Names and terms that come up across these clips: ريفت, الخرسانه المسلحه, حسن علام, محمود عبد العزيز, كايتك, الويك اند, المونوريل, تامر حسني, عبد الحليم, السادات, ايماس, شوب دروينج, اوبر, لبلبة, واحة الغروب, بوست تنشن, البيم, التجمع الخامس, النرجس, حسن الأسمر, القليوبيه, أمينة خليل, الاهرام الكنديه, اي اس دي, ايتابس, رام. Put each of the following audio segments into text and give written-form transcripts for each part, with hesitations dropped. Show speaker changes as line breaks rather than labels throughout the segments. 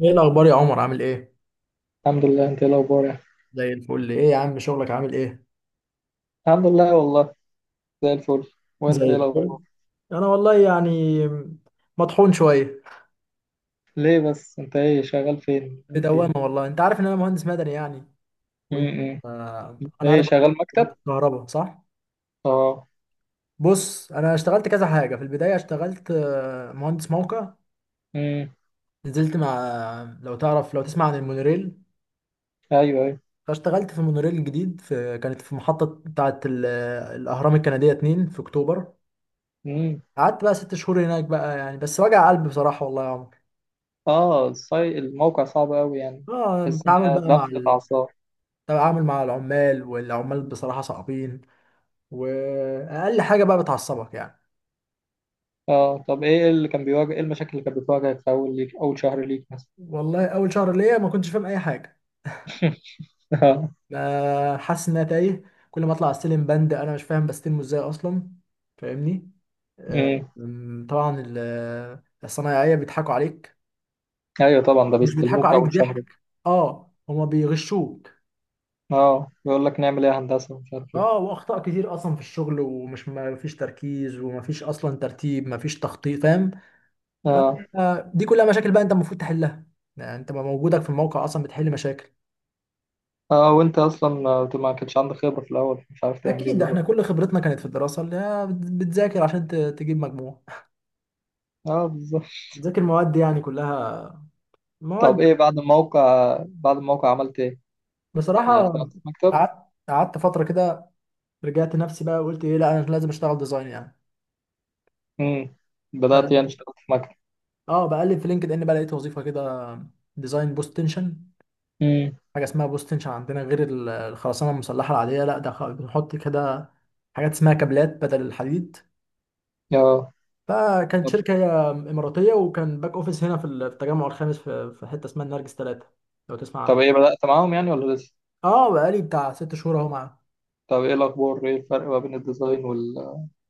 ايه الاخبار يا عمر؟ عامل ايه؟
الحمد لله. انت ايه الاخبار يعني؟
زي الفل. ايه يا عم، شغلك عامل ايه؟
الحمد لله والله. زي الفل. وانت
زي
ايه
الفل.
الاخبار؟
انا والله يعني مطحون شويه.
ليه بس؟ انت ايه شغال فين
في دوامه،
الدنيا؟
والله انت عارف ان انا مهندس مدني يعني. وانت؟
امم.
آه،
انت
انا
ايه
عارف.
شغال مكتب؟
الكهرباء، صح؟
اه.
بص، انا اشتغلت كذا حاجه. في البدايه اشتغلت مهندس موقع.
امم.
نزلت مع، لو تعرف، لو تسمع عن المونوريل.
ايوه، ايوه.
فاشتغلت في المونوريل الجديد، في كانت في محطه بتاعه الاهرام الكنديه 2 في اكتوبر.
امم.
قعدت بقى 6 شهور هناك بقى، يعني بس وجع قلب بصراحه والله يا عمر.
اه، الموقع صعب قوي يعني.
اه،
تحس ان
التعامل
هي
بقى مع
ضغطة اعصاب؟
التعامل مع العمال، والعمال بصراحة صعبين. وأقل حاجة بقى بتعصبك يعني.
اه، طب ايه اللي كان ايه المشاكل اللي كانت بتواجهك في اول شهر ليك مثلا؟
والله أول شهر ليا ما كنتش فاهم أي حاجة.
اه.
ما حاسس إن أنا تايه. كل ما أطلع أستلم بند أنا مش فاهم بستلمه إزاي أصلا. فاهمني؟ آه،
امم.
أم، طبعا الصنايعية بيضحكوا عليك.
ايوه، طبعا ده
مش بيضحكوا
بيستلموك
عليك
اول شهر.
ضحك، اه هما بيغشوك.
اه، بيقول لك نعمل ايه يا هندسه، مش عارف ايه.
اه، واخطاء كتير اصلا في الشغل، ومش ما فيش تركيز وما فيش اصلا ترتيب ما فيش تخطيط، فاهم؟
اه.
فانت، دي كلها مشاكل بقى انت المفروض تحلها. يعني انت بقى موجودك في الموقع اصلا بتحل مشاكل.
اه، وانت اصلا ما كانش عندك خبرة في الاول، مش عارف تعمل ايه
اكيد، احنا
بالظبط.
كل خبرتنا كانت في الدراسه اللي هي بتذاكر عشان تجيب مجموع.
اه، بالظبط.
بتذاكر مواد يعني، كلها مواد.
طب ايه بعد الموقع عملت ايه؟ يعني
بصراحه،
اشتغلت في مكتب؟
قعدت فتره كده. رجعت نفسي بقى وقلت ايه، لا انا لازم اشتغل ديزاين يعني.
امم.
ف
بدأت يعني اشتغلت في مكتب.
اه، بقلب في لينكد ان بقى، لقيت وظيفه كده. ديزاين بوست تنشن.
امم.
حاجه اسمها بوست تنشن عندنا، غير الخرسانه المسلحه العاديه، لا ده بنحط كده حاجات اسمها كابلات بدل الحديد.
اه،
لا، كانت
طب
شركة إماراتية وكان باك أوفيس هنا في التجمع الخامس في حتة اسمها النرجس 3. لو تسمع
طب ايه
عنها.
بدأت معاهم يعني ولا لسه؟
اه، بقالي بتاع 6 شهور اهو معاه.
طب ايه الاخبار؟ ايه الفرق ما بين الديزاين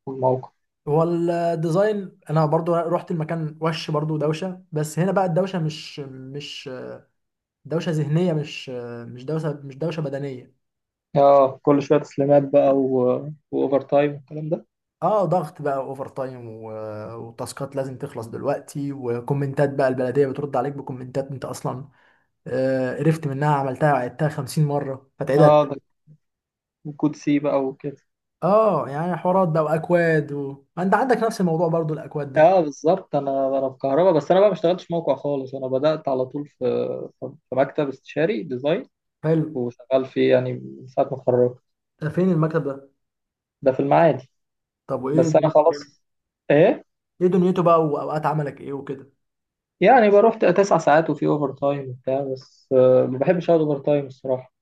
والموقع؟
هو الديزاين انا برضو رحت المكان وش برضو دوشة، بس هنا بقى الدوشة مش دوشة ذهنية، مش، مش دوشة، مش دوشة بدنية.
اه، كل شوية تسليمات بقى واوفر تايم والكلام ده.
اه، ضغط بقى، اوفر تايم وتاسكات لازم تخلص دلوقتي، وكومنتات بقى البلدية بترد عليك بكومنتات انت اصلا قرفت منها، عملتها وعدتها 50 مرة فتعيدها.
اه، ده وكود سي بقى وكده.
اه يعني حوارات بقى واكواد انت عندك نفس الموضوع برضو الاكواد ده.
اه، بالظبط. انا في كهرباء، بس انا بقى ما اشتغلتش موقع خالص. انا بدأت على طول في في مكتب استشاري ديزاين.
حلو.
وشغال فيه يعني من ساعة ما اتخرجت.
ده فين المكتب ده؟
ده في المعادي.
طب وايه
بس أنا
دروب؟
خلاص. إيه.
ايه دنيته بقى واوقات عملك ايه وكده؟
يعني بروح 9 ساعات، وفي أوفر تايم وبتاع، بس ما بحبش أقعد أوفر تايم الصراحة.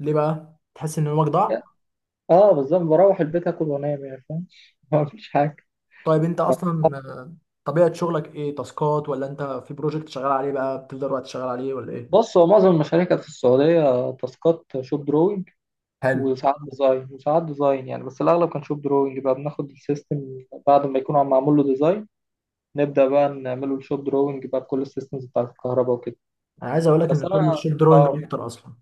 ليه بقى؟ تحس ان يومك
يعني-
ضاع؟
أه بالظبط، بروح البيت آكل وأنام، يعني فاهم. ما فيش حاجة.
طيب، انت اصلا طبيعة شغلك ايه، تاسكات ولا انت في بروجكت شغال عليه بقى بتفضل وقت شغال عليه ولا ايه؟
بص هو معظم المشاريع كانت في السعودية، تاسكات شوب دروينج.
حلو.
وساعات ديزاين، وساعات ديزاين يعني، بس الأغلب كان شوب دروينج بقى، بناخد السيستم بعد ما يكون عم معمول له ديزاين. نبدأ بقى نعمله الشوب دروينج بقى بكل السيستمز بتاعة الكهرباء وكده.
انا عايز اقول لك
بس
ان
أنا.
شغل الشوب دروينج
اه.
اكتر اصلا.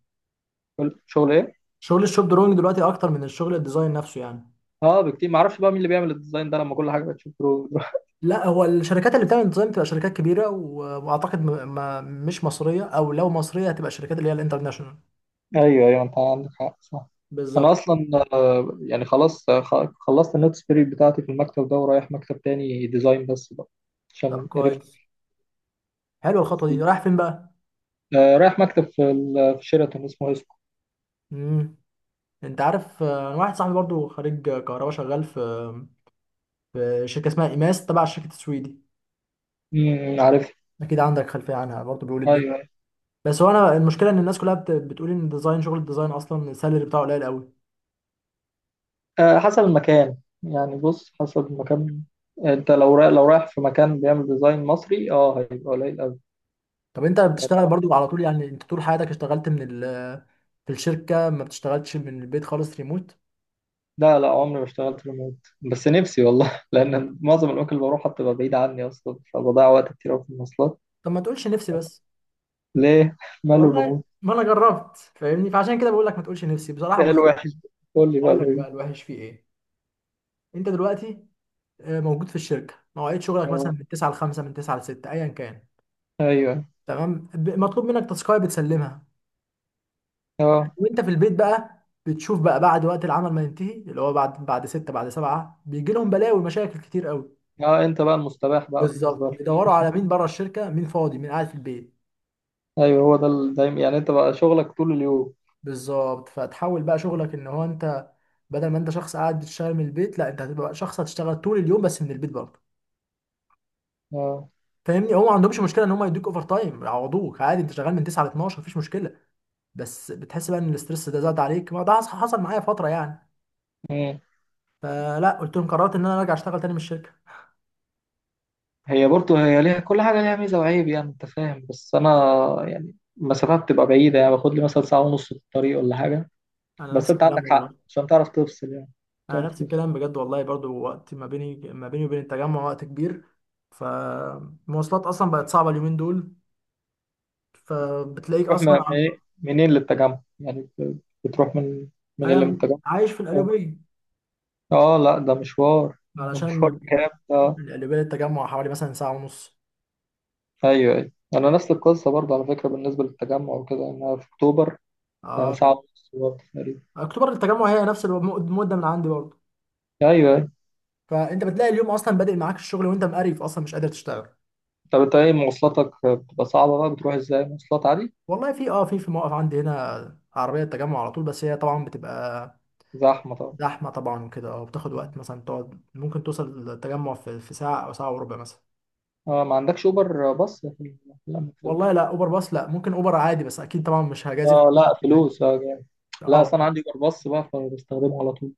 كل شغل ايه.
شغل الشوب دروينج دلوقتي اكتر من الشغل الديزاين نفسه يعني.
اه، بكتير. ما اعرفش بقى مين اللي بيعمل الديزاين ده، لما كل حاجه بتشوف برو.
لا، هو الشركات اللي بتعمل ديزاين بتبقى شركات كبيره واعتقد م... ما مش مصريه، او لو مصريه هتبقى الشركات اللي هي الانترناشونال.
ايوه، ايوه، انت عندك حق، صح. انا
بالظبط.
اصلا يعني خلاص. خلصت النوتس بيريد بتاعتي في المكتب ده، ورايح مكتب تاني ديزاين بس بقى،
طب
عشان عرفت.
كويس. حلوه الخطوه دي، رايح فين بقى؟
رايح مكتب في في شيراتون، اسمه اسكو.
امم. انت عارف، انا واحد صاحبي برضو خريج كهرباء شغال في في شركه اسمها ايماس تبع الشركه السويدي.
امم، عارف.
اكيد عندك خلفيه عنها برضو، بيقول
ايوه،
الدنيا.
أيوة.
بس هو انا المشكله ان الناس كلها بتقول ان الديزاين، شغل الديزاين اصلا السالري بتاعه قليل قوي.
آه، حسب المكان. يعني بص، حسب المكان. انت لو رايح، في مكان بيعمل ديزاين مصري، اه هيبقى قليل
طب انت بتشتغل
قوي.
برضو على طول؟ يعني انت طول حياتك اشتغلت من ال، في الشركه؟ ما بتشتغلش من البيت خالص ريموت؟
لا، لا، عمري ما اشتغلت ريموت. بس نفسي والله. لأن معظم الأماكن اللي بروحها بتبقى بعيدة عني أصلا، فبضيع وقت كتير أوي في المواصلات.
طب ما تقولش نفسي بس.
ليه؟ ماله
والله
الريموت؟
ما انا جربت، فاهمني، فعشان كده بقول لك ما تقولش نفسي بصراحه.
إيه
بص،
الوحش؟ قول لي بقى
اقول لك بقى
ليه؟
الوحش فيه ايه. انت دلوقتي موجود في الشركه، مواعيد شغلك مثلا
أه.
من 9 ل 5، من 9 ل 6 ايا كان.
أيوه.
تمام، مطلوب منك تاسكايه بتسلمها.
أه.
وانت في البيت بقى بتشوف بقى بعد وقت العمل ما ينتهي، اللي هو بعد 6 بعد 7، بيجي لهم بلاوي ومشاكل كتير قوي.
أه، أنت بقى المستباح بقى بالنسبة
بالظبط،
لك.
بيدوروا على مين بره الشركه، مين فاضي، مين قاعد في البيت.
أيوه، هو ده دايما يعني. أنت بقى شغلك طول اليوم.
بالظبط، فتحول بقى شغلك ان هو انت، بدل ما انت شخص قاعد بتشتغل من البيت، لا انت هتبقى شخص هتشتغل طول اليوم بس من البيت برضه.
أه.
فاهمني؟ هو ما عندهمش مشكله ان هم يدوك اوفر تايم يعوضوك عادي، انت شغال من 9 ل 12 مفيش مشكله. بس بتحس بقى ان الاسترس ده زاد عليك، ما ده حصل معايا فتره يعني.
مم.
فلا، قلت لهم قررت ان انا ارجع اشتغل تاني من الشركه.
هي برضه ليها كل حاجة، ليها ميزة وعيب، يعني أنت فاهم، بس أنا. يعني المسافات بتبقى بعيدة، يعني باخد لي مثلا ساعة ونص في الطريق ولا حاجة.
انا
بس
نفس
أنت عندك
الكلام
حق
والله.
عشان تعرف تفصل يعني.
انا
تعرف
نفس
تفصل.
الكلام بجد والله، برضو وقت ما بيني وبين التجمع وقت كبير. فالمواصلات اصلا بقت صعبه اليومين دول. فبتلاقيك
تروح
اصلا
إيه؟ منين للتجمع يعني بتروح من من اللي من
انا
التجمع؟
عايش في
اه.
القليوبيه.
لا، ده مشوار ده
علشان
مشوار
من،
جامد، اه.
من القليوبيه للتجمع حوالي مثلا ساعه ونص.
ايوه، ايوه، انا نفس القصه برضه على فكره بالنسبه للتجمع وكده، إن انا في اكتوبر. آه،
اه،
ساعه ونص برضه تقريبا.
اكتوبر التجمع هي نفس المده من عندي برضو.
ايوه، ايوه.
فانت بتلاقي اليوم اصلا بادئ معاك الشغل وانت مقريف اصلا مش قادر تشتغل.
طب انت ايه، مواصلاتك بتبقى صعبه بقى، بتروح ازاي، مواصلات عادي؟
والله في، في موقف عندي هنا عربية التجمع على طول، بس هي طبعا بتبقى
زحمه طبعا.
زحمة طبعا وكده، اه بتاخد وقت، مثلا تقعد ممكن توصل التجمع في ساعة أو ساعة وربع مثلا.
اه، ما عندكش اوبر باص في لا، في
والله لا أوبر باص، لا، ممكن أوبر عادي بس أكيد طبعا مش هجازف
اه،
بيه
لا
يعني.
فلوس، اه جامد. لا، اصل
اه.
انا عندي اوبر باص بقى، فبستخدمه على طول.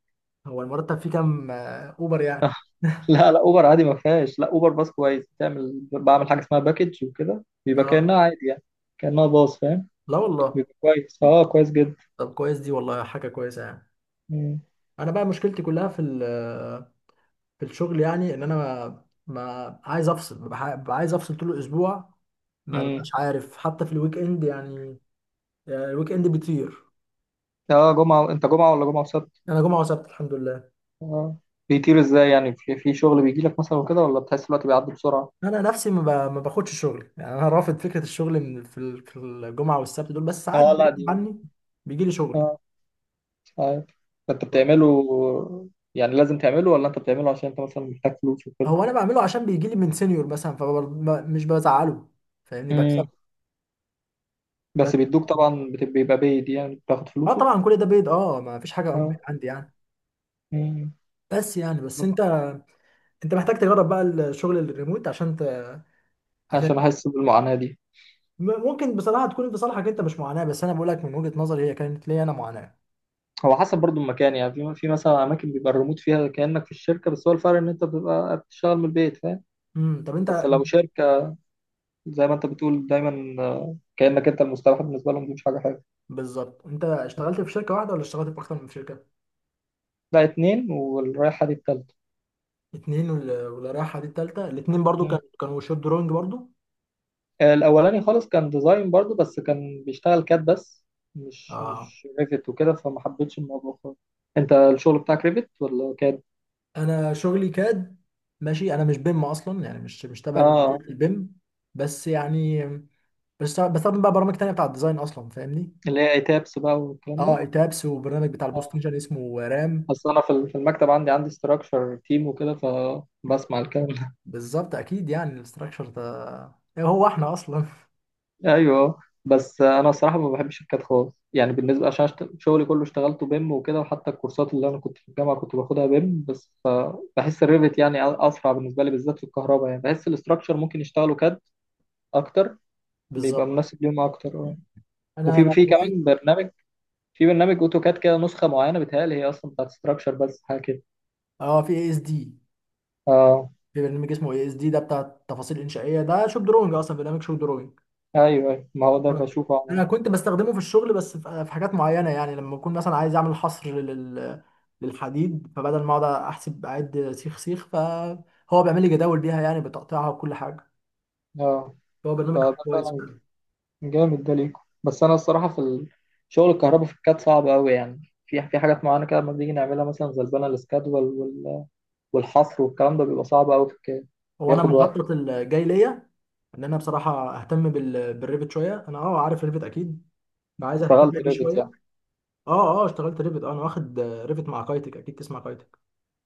هو المرتب فيه كام أوبر يعني؟
لا، لا، اوبر عادي ما فيهاش. لا، اوبر باص كويس، بعمل حاجه اسمها باكج وكده، بيبقى
اه
كانها عادي يعني. كانها باص، فاهم.
لا والله.
بيبقى كويس، اه كويس جدا.
طب كويس دي والله، حاجة كويسة يعني.
مم.
أنا بقى مشكلتي كلها في الشغل يعني، إن أنا ما عايز أفصل، ببقى عايز أفصل طول الأسبوع. ما
مم.
ببقاش عارف حتى في الويك إند يعني. يعني الويك اند بيطير.
اه، جمعه؟ انت جمعه ولا جمعه وسبت؟
انا جمعه وسبت، الحمد لله.
اه، بيطير ازاي يعني؟ في شغل بيجي لك مثلا وكده، ولا بتحس الوقت بيعدي بسرعه؟
انا نفسي ما باخدش شغل يعني، انا رافض فكره الشغل من في الجمعه والسبت دول، بس ساعات
اه، لا دي.
بغصب عني بيجي لي شغل.
اه، مش عارف. انت بتعمله؟ يعني لازم تعمله، ولا انت بتعمله عشان انت مثلا محتاج فلوس وكده؟
هو انا بعمله عشان بيجي لي من سينيور مثلا فمش بزعله. فاهمني؟ بكسب
مم. بس
بدري.
بيدوك طبعا، بيبقى بيد يعني بتاخد
اه
فلوسه.
طبعا كل ده بيض، اه ما فيش حاجه unpaid
اه.
عندي يعني.
مم.
بس يعني، بس انت، انت محتاج تجرب بقى الشغل الريموت عشان عشان،
عشان احس بالمعاناه دي؟
ممكن بصراحه تكون في صالحك انت، مش معاناه، بس انا بقول لك من وجهه نظري هي كانت ليا انا معاناه.
هو حسب برضو المكان يعني. في مثلا اماكن بيبقى الريموت فيها كانك في الشركه، بس هو الفرق ان انت بتبقى بتشتغل من البيت، فاهم.
امم. طب انت،
بس لو شركه زي ما انت بتقول دايما، كانك انت المستوحى بالنسبه لهم، دي مش حاجه حلوه.
بالظبط، انت اشتغلت في شركه واحده ولا اشتغلت في اكتر من شركه؟
لا، اتنين، والرايحه دي التالتة.
اتنين، ولا رايحه دي التالته. الاتنين برضو
مم.
كانوا شوب دروينج برضو.
الاولاني خالص كان ديزاين برضو، بس كان بيشتغل كاد بس، مش
اه.
مش ريفت وكده، فما حبيتش الموضوع خالص. انت الشغل بتاعك ريفت ولا كاد؟
انا شغلي كاد. ماشي، انا مش بيم اصلا يعني، مش تبع
اه،
البيم. بس يعني، بس بستخدم بقى برامج تانية بتاع الديزاين اصلا، فاهمني؟
اللي هي تابس بقى والكلام
اه
ده.
ايتابس، وبرنامج بتاع البوست
اه،
نيشن اسمه رام.
اصل انا في المكتب عندي ستراكشر تيم وكده، فبسمع الكلام.
بالظبط، اكيد يعني الاستراكشر ده، هو احنا اصلا،
ايوه. بس انا الصراحه ما بحبش الكاد خالص يعني، بالنسبه عشان شغلي كله اشتغلته بيم وكده، وحتى الكورسات اللي انا كنت في الجامعه كنت باخدها بيم بس. بحس الريفت يعني اسرع بالنسبه لي، بالذات في الكهرباء، يعني بحس الاستراكشر ممكن يشتغلوا كاد اكتر، بيبقى
بالظبط.
مناسب ليهم اكتر، اه.
انا
وفي
والله،
كمان برنامج. في برنامج اوتوكاد كده، نسخه معينه بتهيألي هي اصلا بتاعت استراكشر، بس حاجه كده.
اه في اي اس دي.
اه.
في برنامج اسمه اي اس دي، ده بتاع التفاصيل الانشائيه، ده شوب دروينج، اصلا برنامج شوب دروينج.
ايوه. أيوة، ما هو ده بشوفه،
انا
اه.
كنت بستخدمه في الشغل، بس في حاجات معينه يعني لما اكون مثلا عايز اعمل حصر لل، للحديد، فبدل ما اقعد احسب اعد سيخ سيخ، فهو بيعمل لي جداول بيها يعني بتقطيعها وكل حاجه.
آه.
هو برنامج
فده
كويس
فعلا
فعلا.
جامد ده ليكم. بس انا الصراحه في شغل الكهرباء في الكاد صعب قوي يعني، في حاجات معينه كده، لما بنيجي نعملها مثلا زي البنى الاسكاد والحصر والكلام ده بيبقى صعب قوي في الكاد،
هو انا
بياخد وقت.
مخطط الجاي ليا ان انا بصراحه اهتم بالريفت شويه، انا اه عارف ريفت اكيد، فعايز اهتم
اشتغلت
بيه
ريفت
شويه.
يعني؟
اه اشتغلت ريفت، انا واخد ريفت مع كايتك، اكيد تسمع كايتك.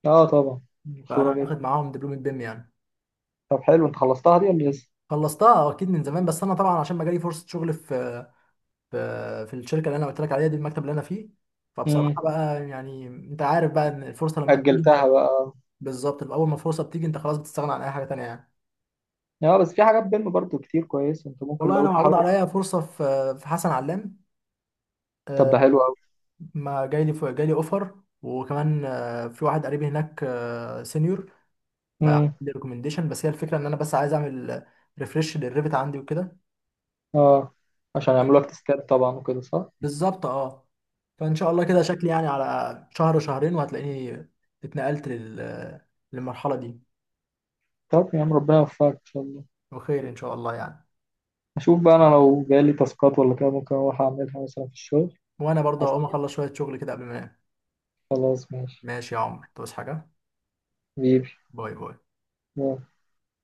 اه، طبعا
فانا
مشهوره جدا.
واخد معاهم دبلومه بيم يعني.
طب حلو، انت خلصتها دي ولا لسه؟
خلصتها، اكيد من زمان، بس انا طبعا عشان ما جالي فرصه شغل في، في الشركه اللي انا قلت لك عليها دي، المكتب اللي انا فيه.
امم،
فبصراحه بقى يعني، انت عارف بقى ان الفرصه لما بتيجي
اجلتها بقى.
بالظبط، اول ما الفرصه بتيجي انت خلاص بتستغنى عن اي حاجه تانية يعني.
اه، بس في حاجات بيم برضو كتير كويسه، انت ممكن
والله
لو
انا
انت
معروض
حابب.
عليا فرصه في حسن علام.
طب
آه،
ده حلو قوي.
ما جاي لي اوفر. وكمان في واحد قريبي هناك، سينيور. فعندي
امم.
ريكومنديشن، بس هي الفكره ان انا بس عايز اعمل ريفرش للريفت عندي وكده.
اه، عشان يعملوا لك تسكات طبعا وكده، صح؟
بالظبط، اه. فان شاء الله كده شكلي يعني على شهر شهرين وهتلاقيني اتنقلت للمرحله دي.
طب يا عم، ربنا يوفقك ان شاء الله.
بخير ان شاء الله يعني.
اشوف بقى انا لو جالي تاسكات ولا كده، ممكن اروح اعملها مثلا في الشغل.
وانا برضه هقوم اخلص شويه شغل كده قبل ما انام.
خلاص، ماشي.
ماشي يا عمر، توس حاجه.
بيبي.
باي باي.